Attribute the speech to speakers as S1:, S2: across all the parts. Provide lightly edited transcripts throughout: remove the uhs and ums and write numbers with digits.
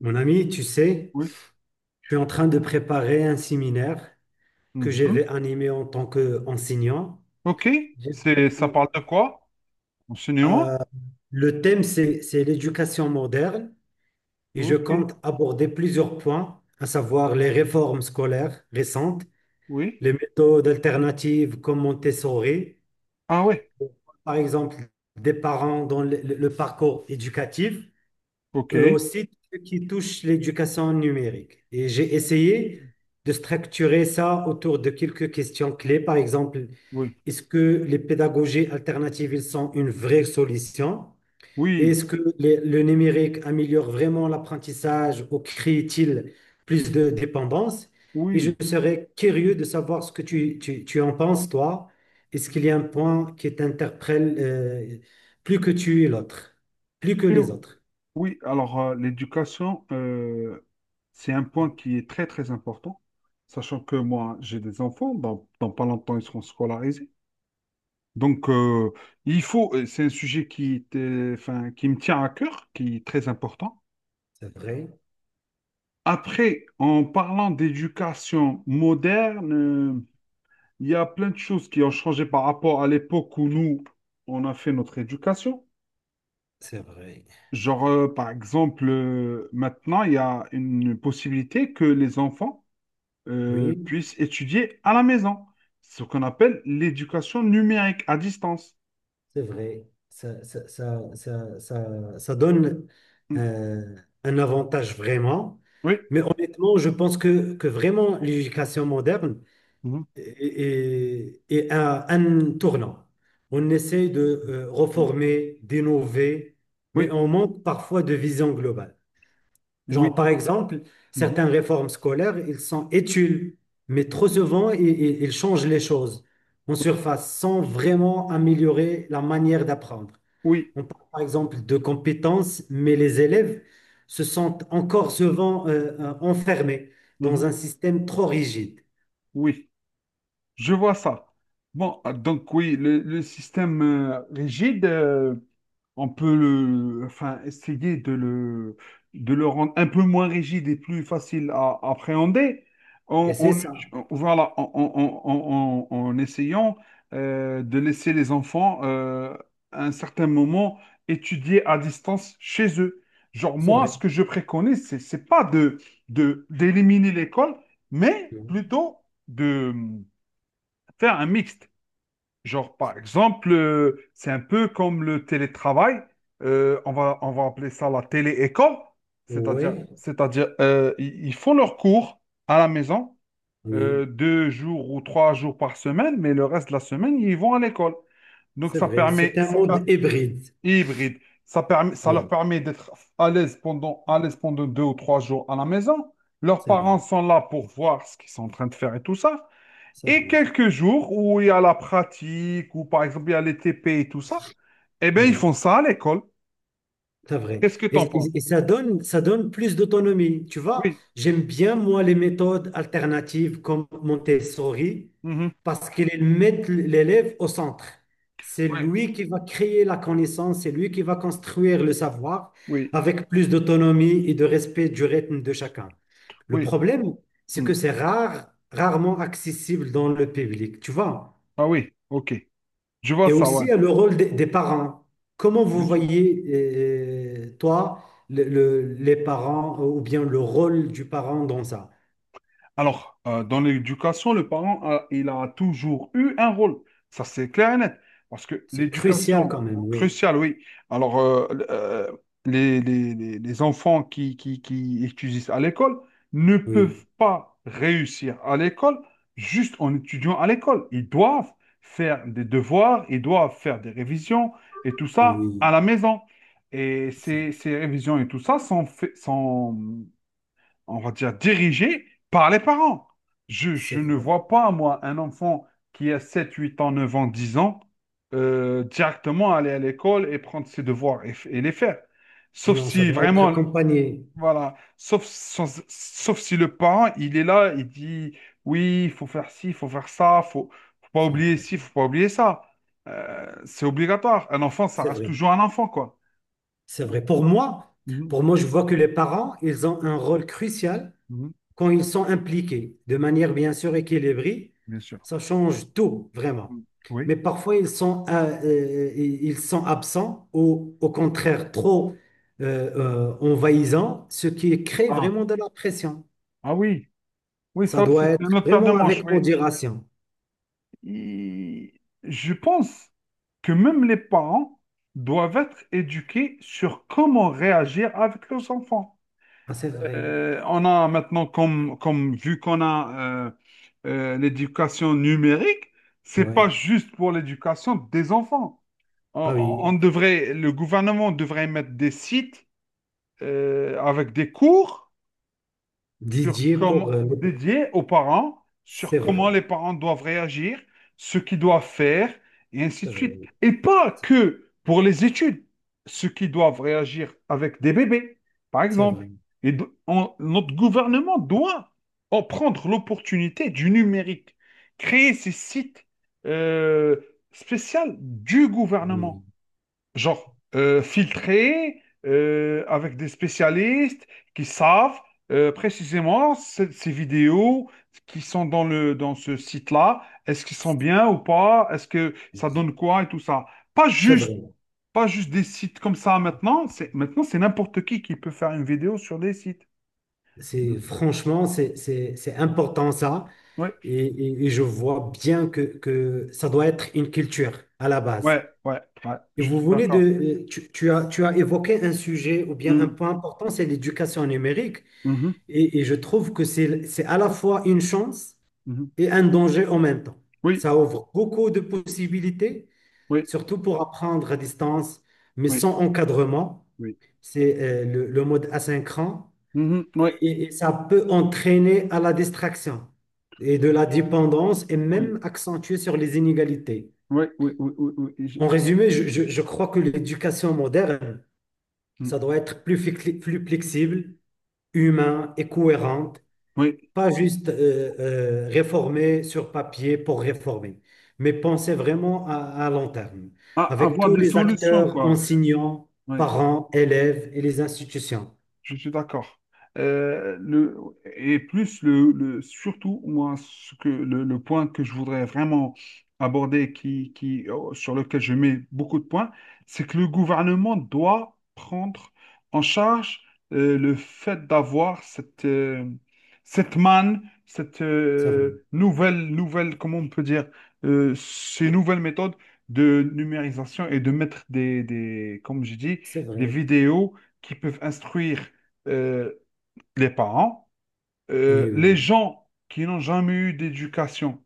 S1: Mon ami, tu sais,
S2: Oui.
S1: je suis en train de préparer un séminaire que je
S2: Mhm.
S1: vais animer en tant qu'enseignant.
S2: OK.
S1: J'ai-
S2: C'est, ça parle de quoi? Enseignement?
S1: euh, le thème, c'est l'éducation moderne et je
S2: OK.
S1: compte aborder plusieurs points, à savoir les réformes scolaires récentes,
S2: Oui.
S1: les méthodes alternatives comme Montessori,
S2: Ah ouais.
S1: par exemple, des parents dans le parcours éducatif.
S2: OK.
S1: Eux
S2: Oui.
S1: aussi ceux qui touchent l'éducation numérique. Et j'ai essayé de structurer ça autour de quelques questions clés. Par exemple,
S2: Oui.
S1: est-ce que les pédagogies alternatives ils sont une vraie solution? Et
S2: Oui.
S1: est-ce que le numérique améliore vraiment l'apprentissage ou crée-t-il plus de dépendance? Et je
S2: Oui.
S1: serais curieux de savoir ce que tu en penses, toi. Est-ce qu'il y a un point qui t'interpelle, plus que plus que les autres?
S2: Oui. Alors, l'éducation, c'est un point qui est très, très important, sachant que moi, j'ai des enfants. Dans pas longtemps, ils seront scolarisés. Donc, c'est un sujet enfin, qui me tient à cœur, qui est très important.
S1: C'est vrai.
S2: Après, en parlant d'éducation moderne, il y a plein de choses qui ont changé par rapport à l'époque où nous, on a fait notre éducation.
S1: C'est vrai.
S2: Genre, par exemple, maintenant, il y a une possibilité que les enfants
S1: Oui,
S2: puissent étudier à la maison. C'est ce qu'on appelle l'éducation numérique à distance.
S1: c'est vrai. Ça donne
S2: Mm.
S1: euh, un avantage vraiment.
S2: Oui.
S1: Mais honnêtement, je pense que vraiment l'éducation moderne
S2: Mhm.
S1: est à un tournant. On essaie de
S2: Mm.
S1: reformer, d'innover, mais
S2: Oui,
S1: on manque parfois de vision globale. Genre,
S2: oui,
S1: par exemple,
S2: mhm,
S1: certaines réformes scolaires, ils sont études, mais trop souvent, ils changent les choses en surface sans vraiment améliorer la manière d'apprendre.
S2: oui,
S1: On parle par exemple de compétences, mais les élèves se sentent encore souvent enfermés
S2: mhm,
S1: dans un système trop rigide.
S2: oui, je vois ça. Bon, donc oui, le système rigide. On peut le, enfin, essayer de le, rendre un peu moins rigide et plus facile à appréhender
S1: Et c'est ça,
S2: voilà, en essayant de laisser les enfants à un certain moment étudier à distance chez eux. Genre,
S1: c'est
S2: moi,
S1: vrai.
S2: ce que je préconise, c'est pas d'éliminer l'école, mais plutôt de faire un mixte. Genre, par exemple, c'est un peu comme le télétravail. On va appeler ça la télé-école. C'est-à-dire,
S1: Oui,
S2: c'est-à-dire ils font leurs cours à la maison
S1: oui,
S2: deux jours ou trois jours par semaine, mais le reste de la semaine, ils vont à l'école. Donc,
S1: c'est
S2: ça
S1: vrai.
S2: permet,
S1: C'est un mode hybride.
S2: hybride, ça leur
S1: Oui,
S2: permet d'être à l'aise pendant deux ou trois jours à la maison. Leurs
S1: c'est vrai,
S2: parents sont là pour voir ce qu'ils sont en train de faire et tout ça.
S1: c'est
S2: Et
S1: vrai.
S2: quelques jours où il y a la pratique, ou par exemple il y a les TP et tout ça, eh bien ils
S1: Ouais.
S2: font ça à l'école.
S1: C'est vrai.
S2: Qu'est-ce que
S1: Et,
S2: tu en
S1: et-
S2: penses?
S1: et ça donne plus d'autonomie. Tu vois,
S2: Oui.
S1: j'aime bien, moi, les méthodes alternatives comme Montessori
S2: Mhm.
S1: parce qu'elles mettent l'élève au centre. C'est
S2: Oui,
S1: lui qui va créer la connaissance, c'est lui qui va construire le savoir
S2: oui,
S1: avec plus d'autonomie et de respect du rythme de chacun. Le
S2: oui.
S1: problème, c'est
S2: Mm.
S1: que c'est rare, rarement accessible dans le public. Tu vois,
S2: Ah oui, ok. Je vois
S1: et
S2: ça, ouais.
S1: aussi le rôle des parents. Comment vous
S2: Bien sûr.
S1: voyez, toi, les parents, ou bien le rôle du parent dans ça?
S2: Alors, dans l'éducation, le parent, il a toujours eu un rôle. Ça, c'est clair et net. Parce que
S1: C'est crucial
S2: l'éducation,
S1: quand même, oui,
S2: cruciale, oui. Alors, les enfants qui étudient à l'école ne
S1: oui,
S2: peuvent pas réussir à l'école juste en étudiant à l'école. Ils doivent faire des devoirs, ils doivent faire des révisions et tout ça
S1: oui,
S2: à la maison. Et
S1: c'est
S2: ces révisions et tout ça sont, sont on va dire, dirigé par les parents. Je,
S1: c'est
S2: je ne
S1: vrai.
S2: vois pas, moi, un enfant qui a 7 8 ans, 9 ans, 10 ans, directement aller à l'école et prendre ses devoirs et les faire.
S1: Non,
S2: Sauf
S1: non, ça
S2: si
S1: doit être
S2: vraiment,
S1: accompagné.
S2: voilà, sauf si le parent, il est là, il dit, oui, il faut faire ci, il faut faire ça, faut pas
S1: C'est
S2: oublier
S1: vrai,
S2: ci, faut pas oublier ça. C'est obligatoire. Un enfant, ça
S1: c'est
S2: reste
S1: vrai,
S2: toujours un enfant, quoi.
S1: c'est
S2: Donc,
S1: vrai.
S2: mhm,
S1: Pour moi, je vois que les parents, ils ont un rôle crucial
S2: mhm,
S1: quand ils sont impliqués de manière bien sûr équilibrée,
S2: bien sûr.
S1: ça change tout vraiment.
S2: Oui.
S1: Mais parfois, ils sont absents ou au contraire trop envahissants, ce qui crée
S2: Ah,
S1: vraiment de la pression.
S2: ah oui. Oui,
S1: Ça
S2: ça aussi,
S1: doit
S2: c'est
S1: être
S2: une autre paire de
S1: vraiment
S2: manches,
S1: avec
S2: oui.
S1: modération.
S2: Et je pense que même les parents doivent être éduqués sur comment réagir avec leurs enfants.
S1: Ah, c'est vrai.
S2: On a maintenant, comme vu qu'on a l'éducation numérique, c'est
S1: Ouais.
S2: pas juste pour l'éducation des enfants.
S1: Ah oui.
S2: Le gouvernement devrait mettre des sites avec des cours sur
S1: Didier pour...
S2: comment dédié aux parents, sur
S1: c'est
S2: comment
S1: vrai.
S2: les parents doivent réagir, ce qu'ils doivent faire, et ainsi de
S1: C'est
S2: suite.
S1: vrai.
S2: Et pas que pour les études, ce qui doivent réagir avec des bébés, par
S1: C'est vrai.
S2: exemple. Et notre gouvernement doit en prendre l'opportunité du numérique, créer ces sites euh, spéciaux du
S1: Oui.
S2: gouvernement. Genre, filtré, avec des spécialistes qui savent précisément ces vidéos qui sont dans ce site-là, est-ce qu'ils sont bien ou pas, est-ce que ça
S1: Oui.
S2: donne quoi et tout ça. Pas
S1: C'est vrai.
S2: juste, pas juste des sites comme ça maintenant, maintenant c'est n'importe qui peut faire une vidéo sur des sites. Oui,
S1: C'est franchement, c'est important ça.
S2: ouais,
S1: Et je vois bien que ça doit être une culture à la base.
S2: ouais, ouais, ouais,
S1: Et
S2: je
S1: vous
S2: suis
S1: venez
S2: d'accord.
S1: de, tu as évoqué un sujet ou bien un
S2: Mm,
S1: point important, c'est l'éducation numérique.
S2: mhm,
S1: Et je trouve que c'est à la fois une chance
S2: mhm.
S1: et un danger en même temps.
S2: Oui,
S1: Ça ouvre beaucoup de possibilités,
S2: oui,
S1: surtout pour apprendre à distance, mais
S2: oui,
S1: sans encadrement.
S2: oui.
S1: C'est le mode asynchrone.
S2: Mhm, oui,
S1: Et ça peut entraîner à la distraction et de la dépendance et
S2: oui,
S1: même accentuer sur les inégalités.
S2: oui, oui, oui, oui, oui, oui,
S1: En résumé, je crois que l'éducation moderne,
S2: mm.
S1: ça doit être plus, plus flexible, humain et cohérente,
S2: Oui.
S1: pas juste réformer sur papier pour réformer, mais penser vraiment à long terme,
S2: À
S1: avec
S2: avoir
S1: tous
S2: des
S1: les
S2: solutions,
S1: acteurs,
S2: quoi.
S1: enseignants,
S2: Oui.
S1: parents, élèves et les institutions.
S2: Je suis d'accord. Euh, le, surtout moi ce que le point que je voudrais vraiment aborder qui, sur lequel je mets beaucoup de points, c'est que le gouvernement doit prendre en charge le fait d'avoir cette cette manne, cette
S1: C'est vrai,
S2: nouvelle comment on peut dire ces nouvelles méthodes de numérisation et de mettre des comme j'ai dit
S1: c'est
S2: des
S1: vrai.
S2: vidéos qui peuvent instruire euh, les parents,
S1: Oui, oui.
S2: les
S1: Oui.
S2: gens qui n'ont jamais eu d'éducation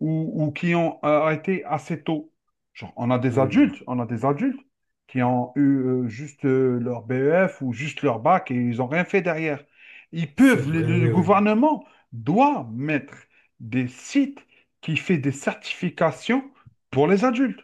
S2: ou qui ont arrêté assez tôt. Genre, on a
S1: Ah
S2: des
S1: oui.
S2: adultes, on a des adultes qui ont eu juste leur BEF ou juste leur bac et ils n'ont rien fait derrière. Ils
S1: C'est
S2: peuvent,
S1: vrai,
S2: le-
S1: oui,
S2: Le
S1: oui.
S2: gouvernement doit mettre des sites qui fait des certifications pour les adultes.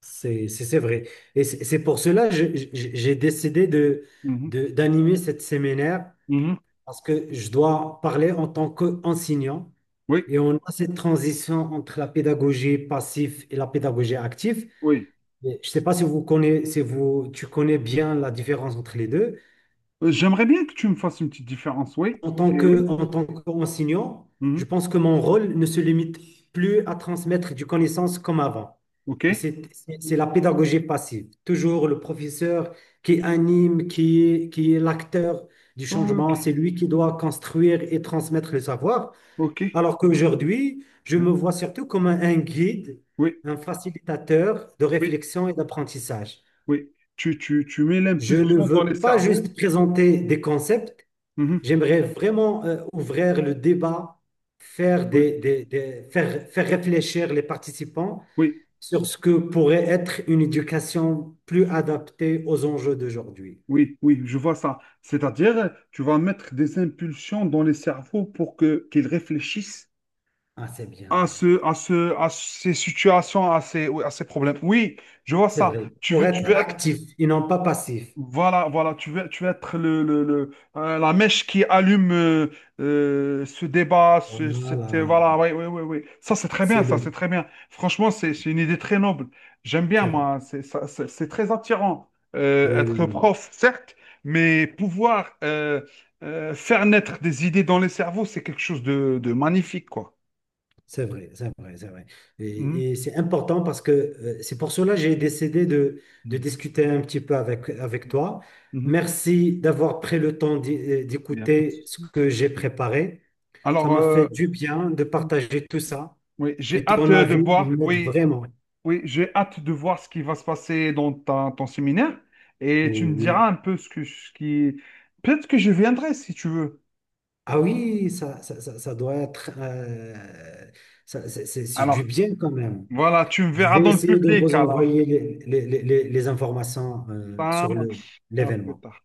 S1: C'est vrai. Et c'est pour cela que j'ai décidé de,
S2: Mhm,
S1: d'animer cette séminaire
S2: mhm.
S1: parce que je dois parler en tant qu'enseignant
S2: Oui,
S1: et on a cette transition entre la pédagogie passive et la pédagogie active.
S2: oui.
S1: Et je ne sais pas si vous connaissez, si tu connais bien la différence entre les deux.
S2: J'aimerais bien que tu me fasses une petite différence, oui.
S1: En tant
S2: C'est
S1: que,
S2: oui.
S1: en tant qu'enseignant, je
S2: Mhm.
S1: pense que mon rôle ne se limite plus à transmettre du connaissance comme avant.
S2: OK?
S1: Et c'est c'est la pédagogie passive. Toujours le professeur qui anime, qui est l'acteur du
S2: Ok.
S1: changement. C'est lui qui doit construire et transmettre le savoir.
S2: Ok.
S1: Alors qu'aujourd'hui, je
S2: Oui,
S1: me vois surtout comme un guide,
S2: oui,
S1: un facilitateur de
S2: oui.
S1: réflexion et d'apprentissage.
S2: Oui. Tu mets
S1: Je ne
S2: l'impulsion dans les
S1: veux pas
S2: cerveaux.
S1: juste présenter des concepts,
S2: Mhm.
S1: j'aimerais vraiment ouvrir le débat, faire,
S2: Oui,
S1: des- faire, faire réfléchir les participants
S2: oui,
S1: sur ce que pourrait être une éducation plus adaptée aux enjeux d'aujourd'hui.
S2: oui, oui, je vois ça. C'est-à-dire, tu vas mettre des impulsions dans les cerveaux pour que qu'ils réfléchissent
S1: Ah, c'est bien,
S2: à ces situations, à ces, oui, à ces problèmes. Oui, je vois
S1: c'est
S2: ça.
S1: vrai. Pour
S2: Tu
S1: être
S2: veux être
S1: actif et non pas passif.
S2: Voilà, voilà, tu veux être la mèche qui allume ce débat,
S1: Voilà,
S2: voilà, oui, oui, oui, oui. Ça, c'est très bien,
S1: c'est
S2: ça, c'est
S1: le,
S2: très bien. Franchement, c'est une idée très noble. J'aime bien,
S1: c'est vrai.
S2: moi, c'est très attirant.
S1: Oui, oui,
S2: Être
S1: oui.
S2: prof, certes, mais pouvoir faire naître des idées dans les cerveaux, c'est quelque chose de magnifique, quoi.
S1: C'est vrai, c'est vrai, c'est vrai.
S2: Mhm.
S1: Et c'est important parce que c'est pour cela que j'ai décidé de discuter un petit peu avec, avec toi.
S2: Mhm.
S1: Merci d'avoir pris le temps
S2: Il y a pas de
S1: d'écouter
S2: souci.
S1: ce que j'ai préparé. Ça
S2: Alors,
S1: m'a fait du bien de partager tout ça.
S2: oui, j'ai
S1: Et
S2: hâte
S1: ton
S2: de
S1: avis,
S2: voir.
S1: il m'aide
S2: Oui.
S1: vraiment.
S2: Oui, j'ai hâte de voir ce qui va se passer dans ton séminaire et tu me
S1: Oui.
S2: diras un peu ce que ce qui. Peut-être que je viendrai si tu veux.
S1: Ah oui, ça doit être... c'est c'est
S2: Alors,
S1: du bien quand même.
S2: voilà, tu me
S1: Je
S2: verras
S1: vais
S2: dans le
S1: essayer de
S2: public
S1: vous
S2: alors.
S1: envoyer les informations
S2: Ça
S1: sur le,
S2: marche. À plus
S1: l'événement.
S2: tard.